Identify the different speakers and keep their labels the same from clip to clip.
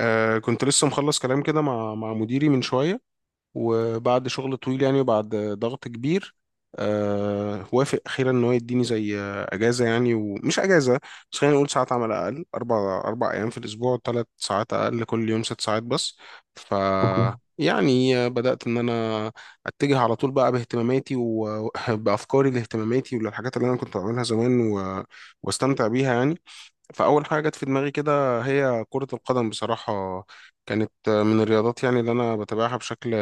Speaker 1: كنت لسه مخلص كلام كده مع مديري من شوية، وبعد شغل طويل يعني وبعد ضغط كبير. آه، وافق أخيرا إن هو يديني زي أجازة، يعني ومش أجازة بس خلينا نقول ساعات عمل أقل. أربع أيام في الأسبوع، ثلاث ساعات أقل كل يوم، ست ساعات بس. ف
Speaker 2: اوكي،
Speaker 1: يعني بدأت إن أنا أتجه على طول بقى باهتماماتي وبأفكاري لاهتماماتي وللحاجات اللي أنا كنت بعملها زمان واستمتع بيها يعني. فأول حاجة جت في دماغي كده هي كرة القدم بصراحة. كانت من الرياضات يعني اللي أنا بتابعها بشكل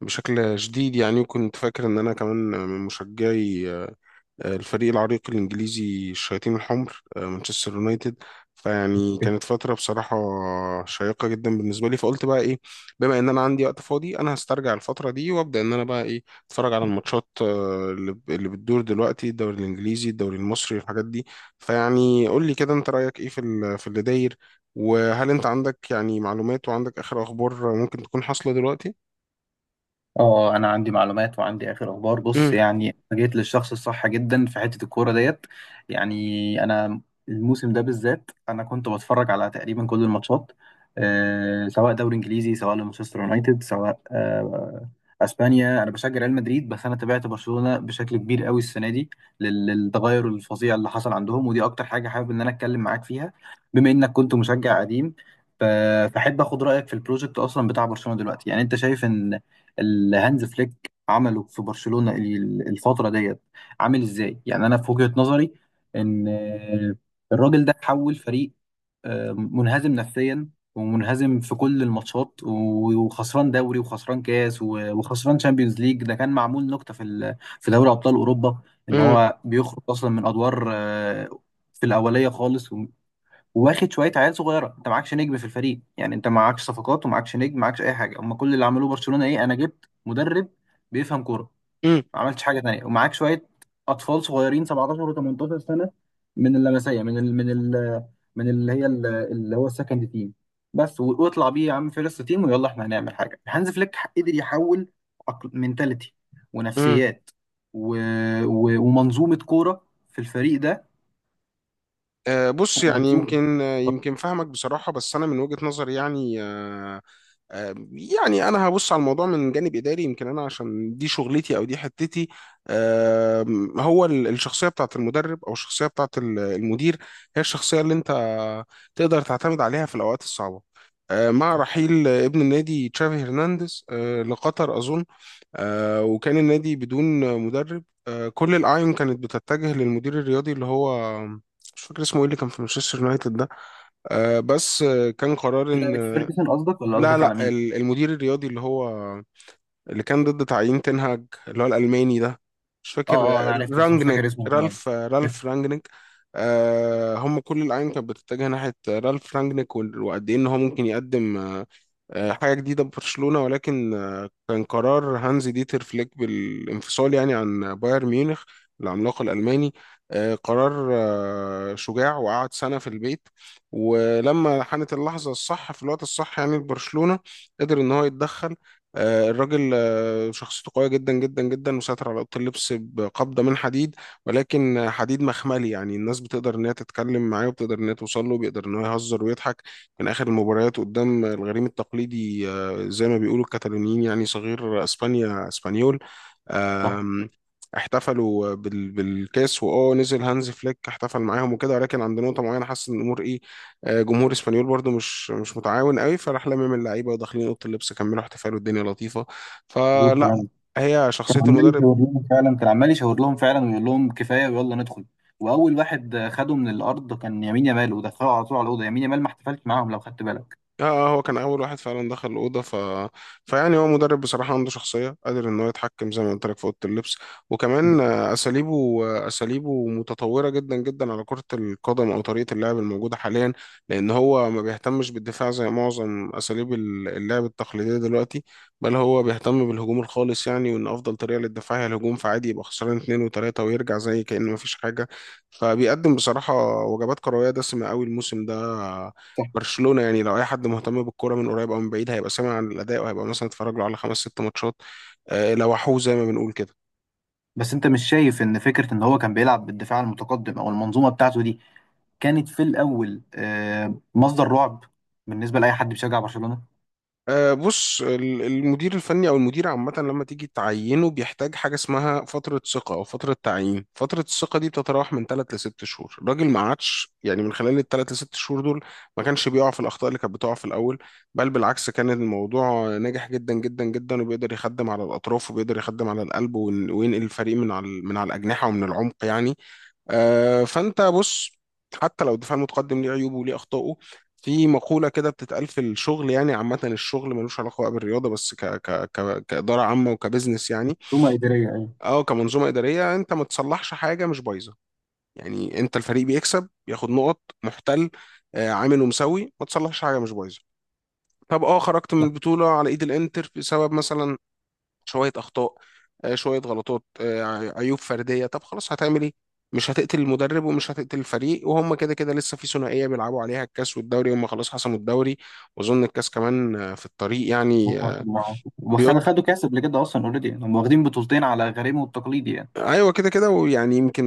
Speaker 1: بشكل شديد يعني، وكنت فاكر إن أنا كمان من مشجعي الفريق العريق الإنجليزي الشياطين الحمر، مانشستر يونايتد. فيعني كانت فترة بصراحة شيقة جدا بالنسبة لي. فقلت بقى إيه، بما إن أنا عندي وقت فاضي أنا هسترجع الفترة دي وأبدأ إن أنا بقى إيه، أتفرج على الماتشات اللي بتدور دلوقتي، الدوري الإنجليزي، الدوري المصري، الحاجات دي. فيعني قول لي كده، أنت رأيك إيه في في اللي داير؟ وهل أنت عندك يعني معلومات وعندك آخر أخبار ممكن تكون حاصلة دلوقتي؟
Speaker 2: اه، انا عندي معلومات وعندي اخر اخبار. بص، يعني أنا جيت للشخص الصح جدا في حته الكوره ديت. يعني الموسم ده بالذات انا كنت بتفرج على تقريبا كل الماتشات، سواء دوري انجليزي، سواء لمانشستر يونايتد، سواء اسبانيا. انا بشجع ريال مدريد، بس انا تابعت برشلونه بشكل كبير قوي السنه دي للتغير الفظيع اللي حصل عندهم، ودي اكتر حاجه حابب ان انا اتكلم معاك فيها، بما انك كنت مشجع قديم. ف- فاحب اخد رايك في البروجكت اصلا بتاع برشلونه دلوقتي. يعني انت شايف ان اللي هانز فليك عمله في برشلونة الفترة ديت عامل ازاي؟ يعني انا في وجهة نظري ان الراجل ده حول فريق منهزم نفسيا، ومنهزم في كل الماتشات، وخسران دوري، وخسران كاس، وخسران شامبيونز ليج، ده كان معمول نكتة في في دوري ابطال اوروبا ان
Speaker 1: امم
Speaker 2: هو بيخرج اصلا من ادوار، في الاوليه خالص، واخد شويه عيال صغيره. انت معكش نجم في الفريق، يعني انت معكش صفقات ومعكش نجم، معكش اي حاجه. هم كل اللي عملوه برشلونه ايه؟ انا جبت مدرب بيفهم كوره، ما عملتش حاجه تانية، ومعاك شويه اطفال صغيرين، 17 و18 سنه، من اللمسيه من ال من ال من اللي هي ال- اللي هو السكند تيم بس، واطلع بيه يا عم فيرست تيم، ويلا احنا هنعمل حاجه. هانز فليك قدر يحول منتاليتي
Speaker 1: امم
Speaker 2: ونفسيات و... ومنظومه كوره في الفريق ده.
Speaker 1: آه، بص يعني
Speaker 2: ومنظومه
Speaker 1: يمكن، يمكن فاهمك بصراحة، بس أنا من وجهة نظري يعني. يعني أنا هبص على الموضوع من جانب إداري، يمكن أنا عشان دي شغلتي أو دي حتتي. آه، هو الشخصية بتاعت المدرب أو الشخصية بتاعت المدير هي الشخصية اللي أنت تقدر تعتمد عليها في الأوقات الصعبة. آه، مع رحيل ابن النادي تشافي هرنانديز لقطر أظن، آه، وكان النادي بدون مدرب. آه، كل الأعين كانت بتتجه للمدير الرياضي اللي هو، مش فاكر اسمه ايه، اللي كان في مانشستر يونايتد ده. آه، بس آه، كان قرار
Speaker 2: سير
Speaker 1: ان
Speaker 2: أليكس
Speaker 1: آه،
Speaker 2: فيرجسون قصدك ولا
Speaker 1: لا
Speaker 2: قصدك على
Speaker 1: لا،
Speaker 2: مين؟
Speaker 1: المدير الرياضي اللي هو اللي كان ضد تعيين تنهاج، اللي هو الألماني ده. مش
Speaker 2: اه،
Speaker 1: فاكر،
Speaker 2: اه، انا عرفته بس مش
Speaker 1: رانجنيك
Speaker 2: فاكر اسمه كمان.
Speaker 1: رالف،
Speaker 2: عرفت،
Speaker 1: رالف رانجنيك. آه، هم كل الأعين كانت بتتجه ناحية رالف رانجنيك، وقد ايه ان هو ممكن يقدم حاجة جديدة ببرشلونة. ولكن كان قرار هانزي ديتر فليك بالانفصال يعني عن بايرن ميونخ العملاق الألماني. قرار شجاع، وقعد سنة في البيت. ولما حانت اللحظة الصح في الوقت الصح يعني، برشلونة قدر إن هو يتدخل. آه، الراجل شخصيته قوية جدا جدا جدا، وسيطر على أوضة اللبس بقبضة من حديد، ولكن حديد مخملي. يعني الناس بتقدر إن هي تتكلم معاه، وبتقدر إن هي توصل له، بيقدر إن هو يهزر ويضحك. كان آخر المباريات قدام الغريم التقليدي زي ما بيقولوا الكتالونيين يعني صغير اسبانيا، اسبانيول.
Speaker 2: صح،
Speaker 1: آم، احتفلوا بالكاس، واه، نزل هانز فليك احتفل معاهم وكده، ولكن عند نقطه معينه حس ان الامور ايه، جمهور اسبانيول برضو مش متعاون قوي، فراح لمم اللعيبه وداخلين اوضه اللبس كملوا احتفال والدنيا لطيفه.
Speaker 2: مظبوط
Speaker 1: فلا،
Speaker 2: كلامك.
Speaker 1: هي
Speaker 2: كان
Speaker 1: شخصيه
Speaker 2: عمال
Speaker 1: المدرب.
Speaker 2: يشاور لهم فعلا، كان عمال يشاور لهم فعلا، ويقول لهم كفايه، ويلا ندخل. واول واحد خده من الارض كان يمين يامال، ودخله على طول على الاوضه. يمين يامال ما احتفلش معاهم، لو خدت بالك.
Speaker 1: اه، آه، هو كان اول واحد فعلا دخل الاوضه. فيعني هو مدرب بصراحه عنده شخصيه قادر ان هو يتحكم زي ما قلت لك في اوضه اللبس. وكمان
Speaker 2: جدا.
Speaker 1: اساليبه متطوره جدا جدا على كره القدم او طريقه اللعب الموجوده حاليا، لان هو ما بيهتمش بالدفاع زي معظم اساليب اللعب التقليديه دلوقتي. بل هو بيهتم بالهجوم الخالص، يعني وان افضل طريقه للدفاع هي الهجوم. فعادي يبقى خسران اتنين وتلاته ويرجع زي كأنه ما فيش حاجه. فبيقدم بصراحه وجبات كرويه دسمه قوي الموسم ده
Speaker 2: صح.
Speaker 1: برشلونة. يعني لو اي حد مهتم بالكوره من قريب او من بعيد هيبقى سامع عن الاداء، وهيبقى مثلا اتفرج له على خمس ست ماتشات. آه، لوحوه زي ما بنقول كده.
Speaker 2: بس انت مش شايف ان فكره ان هو كان بيلعب بالدفاع المتقدم، او المنظومه بتاعته دي، كانت في الاول مصدر رعب بالنسبه لاي حد بيشجع برشلونه؟
Speaker 1: آه، بص، المدير الفني او المدير عامه لما تيجي تعينه بيحتاج حاجه اسمها فتره ثقه او فتره تعيين. فتره الثقه دي بتتراوح من 3 ل 6 شهور. الراجل ما عادش يعني من خلال الثلاث ل 6 شهور دول ما كانش بيقع في الاخطاء اللي كانت بتقع في الاول. بل بالعكس، كان الموضوع ناجح جدا جدا جدا، وبيقدر يخدم على الاطراف وبيقدر يخدم على القلب، وينقل الفريق من على من على الاجنحه ومن العمق يعني. آه، فانت بص، حتى لو الدفاع المتقدم ليه عيوبه وليه اخطائه، في مقولة كده بتتقال في الشغل، يعني عامة الشغل ملوش علاقة بقى بالرياضة، بس ك كإدارة عامة وكبزنس يعني،
Speaker 2: هجوم إدارية، أيوة.
Speaker 1: أو كمنظومة إدارية، أنت ما تصلحش حاجة مش بايظة. يعني أنت الفريق بيكسب، ياخد نقط، محتل، عامل، ومسوي، ما تصلحش حاجة مش بايظة. طب اه، خرجت من البطولة على ايد الانتر بسبب مثلا شوية أخطاء، شوية غلطات، عيوب فردية. طب خلاص، هتعمل إيه؟ مش هتقتل المدرب ومش هتقتل الفريق، وهم كده كده لسه في ثنائية بيلعبوا عليها، الكاس والدوري. هم خلاص حسموا الدوري، وأظن الكاس كمان في الطريق
Speaker 2: هم،
Speaker 1: يعني.
Speaker 2: هم.
Speaker 1: بيض،
Speaker 2: وخدوا كاس قبل كده اصلا اوريدي، يعني هم واخدين بطولتين على غريمه والتقليدي يعني.
Speaker 1: ايوه كده كده. ويعني يمكن،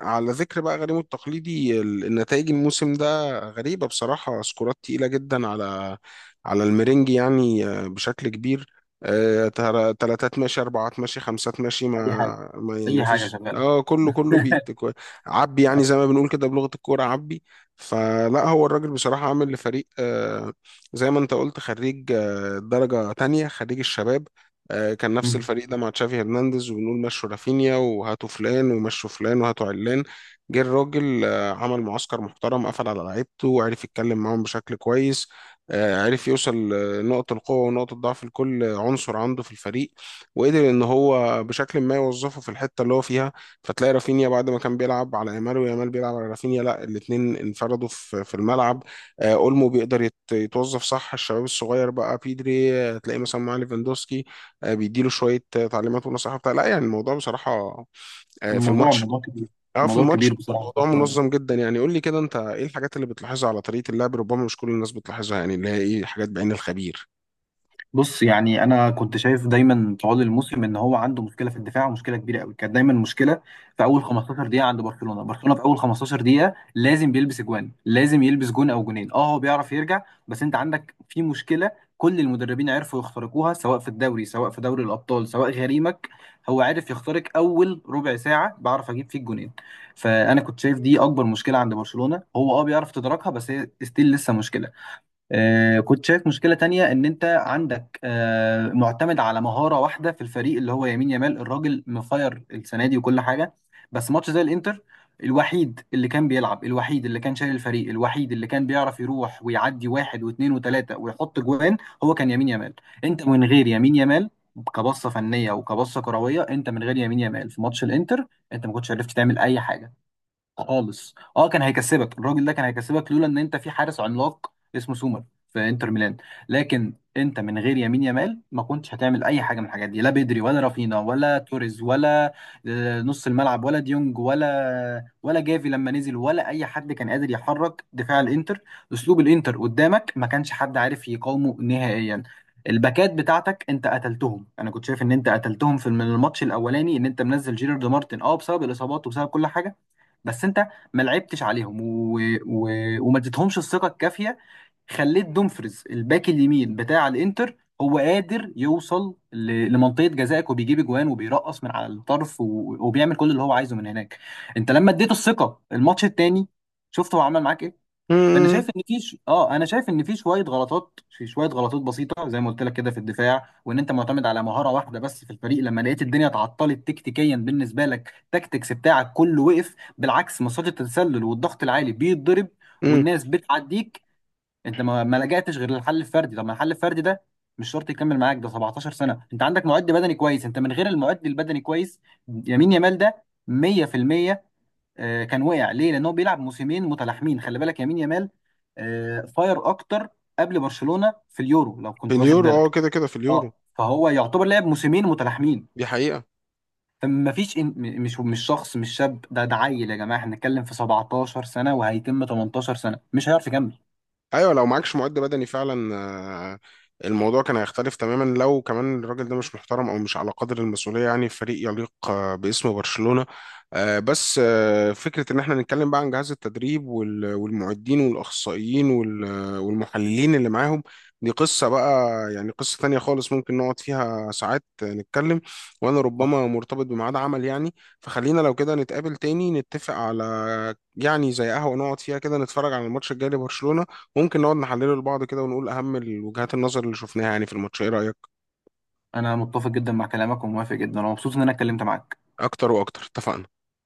Speaker 1: على ذكر بقى غريم التقليدي، النتائج الموسم ده غريبه بصراحه، سكورات تقيله جدا على على الميرينج يعني بشكل كبير. ترى تلاتات ماشي، اربعات ماشي، خمسات ماشي،
Speaker 2: اي حاجه،
Speaker 1: ما يعني ما
Speaker 2: اي حاجه
Speaker 1: فيش
Speaker 2: شغاله.
Speaker 1: اه، كله كله بيت عبي، يعني زي ما بنقول كده بلغه الكوره، عبي. فلا، هو الراجل بصراحه عامل لفريق زي ما انت قلت خريج درجه تانية، خريج الشباب. آه، كان نفس
Speaker 2: مم.
Speaker 1: الفريق ده مع تشافي هرنانديز، وبنقول مشوا رافينيا وهاتوا فلان ومشوا فلان وهاتوا علان. جه الراجل عمل معسكر محترم، قفل على لعيبته وعرف يتكلم معاهم بشكل كويس. عرف يوصل نقط القوة ونقط الضعف لكل عنصر عنده في الفريق، وقدر ان هو بشكل ما يوظفه في الحتة اللي هو فيها. فتلاقي رافينيا بعد ما كان بيلعب على يامال ويامال بيلعب على رافينيا، لا، الاتنين انفردوا في في الملعب. آه، اولمو بيقدر يتوظف صح. الشباب الصغير بقى بيدري، آه، تلاقيه مثلا مع ليفاندوسكي بيديله شويه تعليمات ونصائح بتاع. لا يعني الموضوع بصراحه في
Speaker 2: الموضوع
Speaker 1: الماتش،
Speaker 2: الموضوع كبير
Speaker 1: اه في
Speaker 2: الموضوع
Speaker 1: الماتش
Speaker 2: كبير
Speaker 1: بيبقى
Speaker 2: بصراحه.
Speaker 1: الموضوع منظم جدا. يعني قول لي كده، انت ايه الحاجات اللي بتلاحظها على طريقه اللعب ربما مش كل الناس بتلاحظها؟ يعني اللي هي ايه، حاجات بعين الخبير.
Speaker 2: بص، يعني انا كنت شايف دايما طوال الموسم ان هو عنده مشكله في الدفاع، ومشكله كبيره قوي. كانت دايما مشكله في اول 15 دقيقه عند برشلونه، في اول 15 دقيقه لازم بيلبس اجوان، لازم يلبس جون او جونين. اه، هو بيعرف يرجع، بس انت عندك في مشكله. كل المدربين عرفوا يخترقوها، سواء في الدوري، سواء في دوري الابطال، سواء غريمك. هو عارف يخترق اول ربع ساعه، بعرف اجيب فيه الجونين. فانا كنت شايف دي اكبر مشكله عند برشلونه، هو اه بيعرف تدركها، بس هي ستيل لسه مشكله. كنت شايف مشكلة تانية، ان انت عندك معتمد على مهارة واحدة في الفريق، اللي هو يمين يامال. الراجل مفاير السنة دي وكل حاجة، بس ماتش زي الانتر، الوحيد اللي كان بيلعب، الوحيد اللي كان شايل الفريق، الوحيد اللي كان بيعرف يروح ويعدي واحد واثنين وثلاثة ويحط جوان، هو كان يمين يامال. انت من غير يمين يامال، كبصة فنية وكبصة كروية، انت من غير يمين يامال في ماتش الانتر، انت ما كنتش عرفت تعمل اي حاجة خالص. اه، كان هيكسبك الراجل ده، كان هيكسبك، لولا ان انت في حارس عملاق اسمه سومر في انتر ميلان. لكن انت من غير يمين يامال ما كنتش هتعمل اي حاجه من الحاجات دي، لا بدري، ولا رافينا، ولا توريز، ولا نص الملعب، ولا ديونج، ولا جافي لما نزل، ولا اي حد كان قادر يحرك دفاع الانتر. اسلوب الانتر قدامك ما كانش حد عارف يقاومه نهائيا. الباكات بتاعتك انت قتلتهم. انا كنت شايف ان انت قتلتهم في الماتش الاولاني، ان انت منزل جيرارد مارتن اه بسبب الاصابات وبسبب كل حاجه، بس انت ما لعبتش عليهم و... وما اديتهمش الثقه الكافيه. خليت دومفريز، الباك اليمين بتاع الانتر، هو قادر يوصل لمنطقه جزائك، وبيجيب اجوان، وبيرقص من على الطرف، وبيعمل كل اللي هو عايزه من هناك. انت لما اديته الثقه الماتش التاني، شفت هو عمل معاك ايه. فانا
Speaker 1: امم
Speaker 2: شايف ان في ش... اه انا شايف ان في شويه غلطات، في شويه غلطات بسيطه زي ما قلت لك كده في الدفاع، وان انت معتمد على مهاره واحده بس في الفريق. لما لقيت الدنيا اتعطلت تكتيكيا بالنسبه لك، التكتكس بتاعك كله وقف. بالعكس، مصيدة التسلل والضغط العالي بيتضرب،
Speaker 1: امم
Speaker 2: والناس بتعديك. انت ما لجأتش غير للحل الفردي. طب ما الحل الفردي ده مش شرط يكمل معاك، ده 17 سنه. انت عندك معد بدني كويس؟ انت من غير المعد البدني كويس، يمين يامال ده 100%. كان وقع ليه؟ لأن هو بيلعب موسمين متلاحمين. خلي بالك، يمين يامال فاير أكتر قبل برشلونة في اليورو، لو
Speaker 1: في
Speaker 2: كنت واخد
Speaker 1: اليورو اه،
Speaker 2: بالك.
Speaker 1: كده كده في
Speaker 2: اه،
Speaker 1: اليورو.
Speaker 2: فهو يعتبر لعب موسمين متلاحمين.
Speaker 1: دي حقيقه.
Speaker 2: فما فيش إن... م- مش مش شخص، مش شاب، ده عيل، يا جماعة. احنا بنتكلم في 17 سنة وهيتم 18 سنة، مش هيعرف يكمل.
Speaker 1: ايوه، لو معكش معد بدني فعلا الموضوع كان هيختلف تماما. لو كمان الراجل ده مش محترم او مش على قدر المسؤوليه يعني في فريق يليق باسم برشلونه. آه، بس آه، فكره ان احنا نتكلم بقى عن جهاز التدريب والمعدين والاخصائيين والمحللين اللي معاهم، دي قصه بقى يعني قصه تانية خالص، ممكن نقعد فيها ساعات نتكلم. وانا
Speaker 2: صح.
Speaker 1: ربما مرتبط بميعاد عمل يعني. فخلينا لو كده نتقابل تاني، نتفق على يعني زي قهوه نقعد فيها كده نتفرج على الماتش الجاي لبرشلونه، ممكن نقعد نحلله لبعض كده ونقول أهم الوجهات النظر اللي شفناها يعني في الماتش. إيه رأيك؟
Speaker 2: أنا متفق جدا مع كلامك، وموافق جدا، ومبسوط إن أنا اتكلمت معاك.
Speaker 1: أكتر وأكتر، اتفقنا.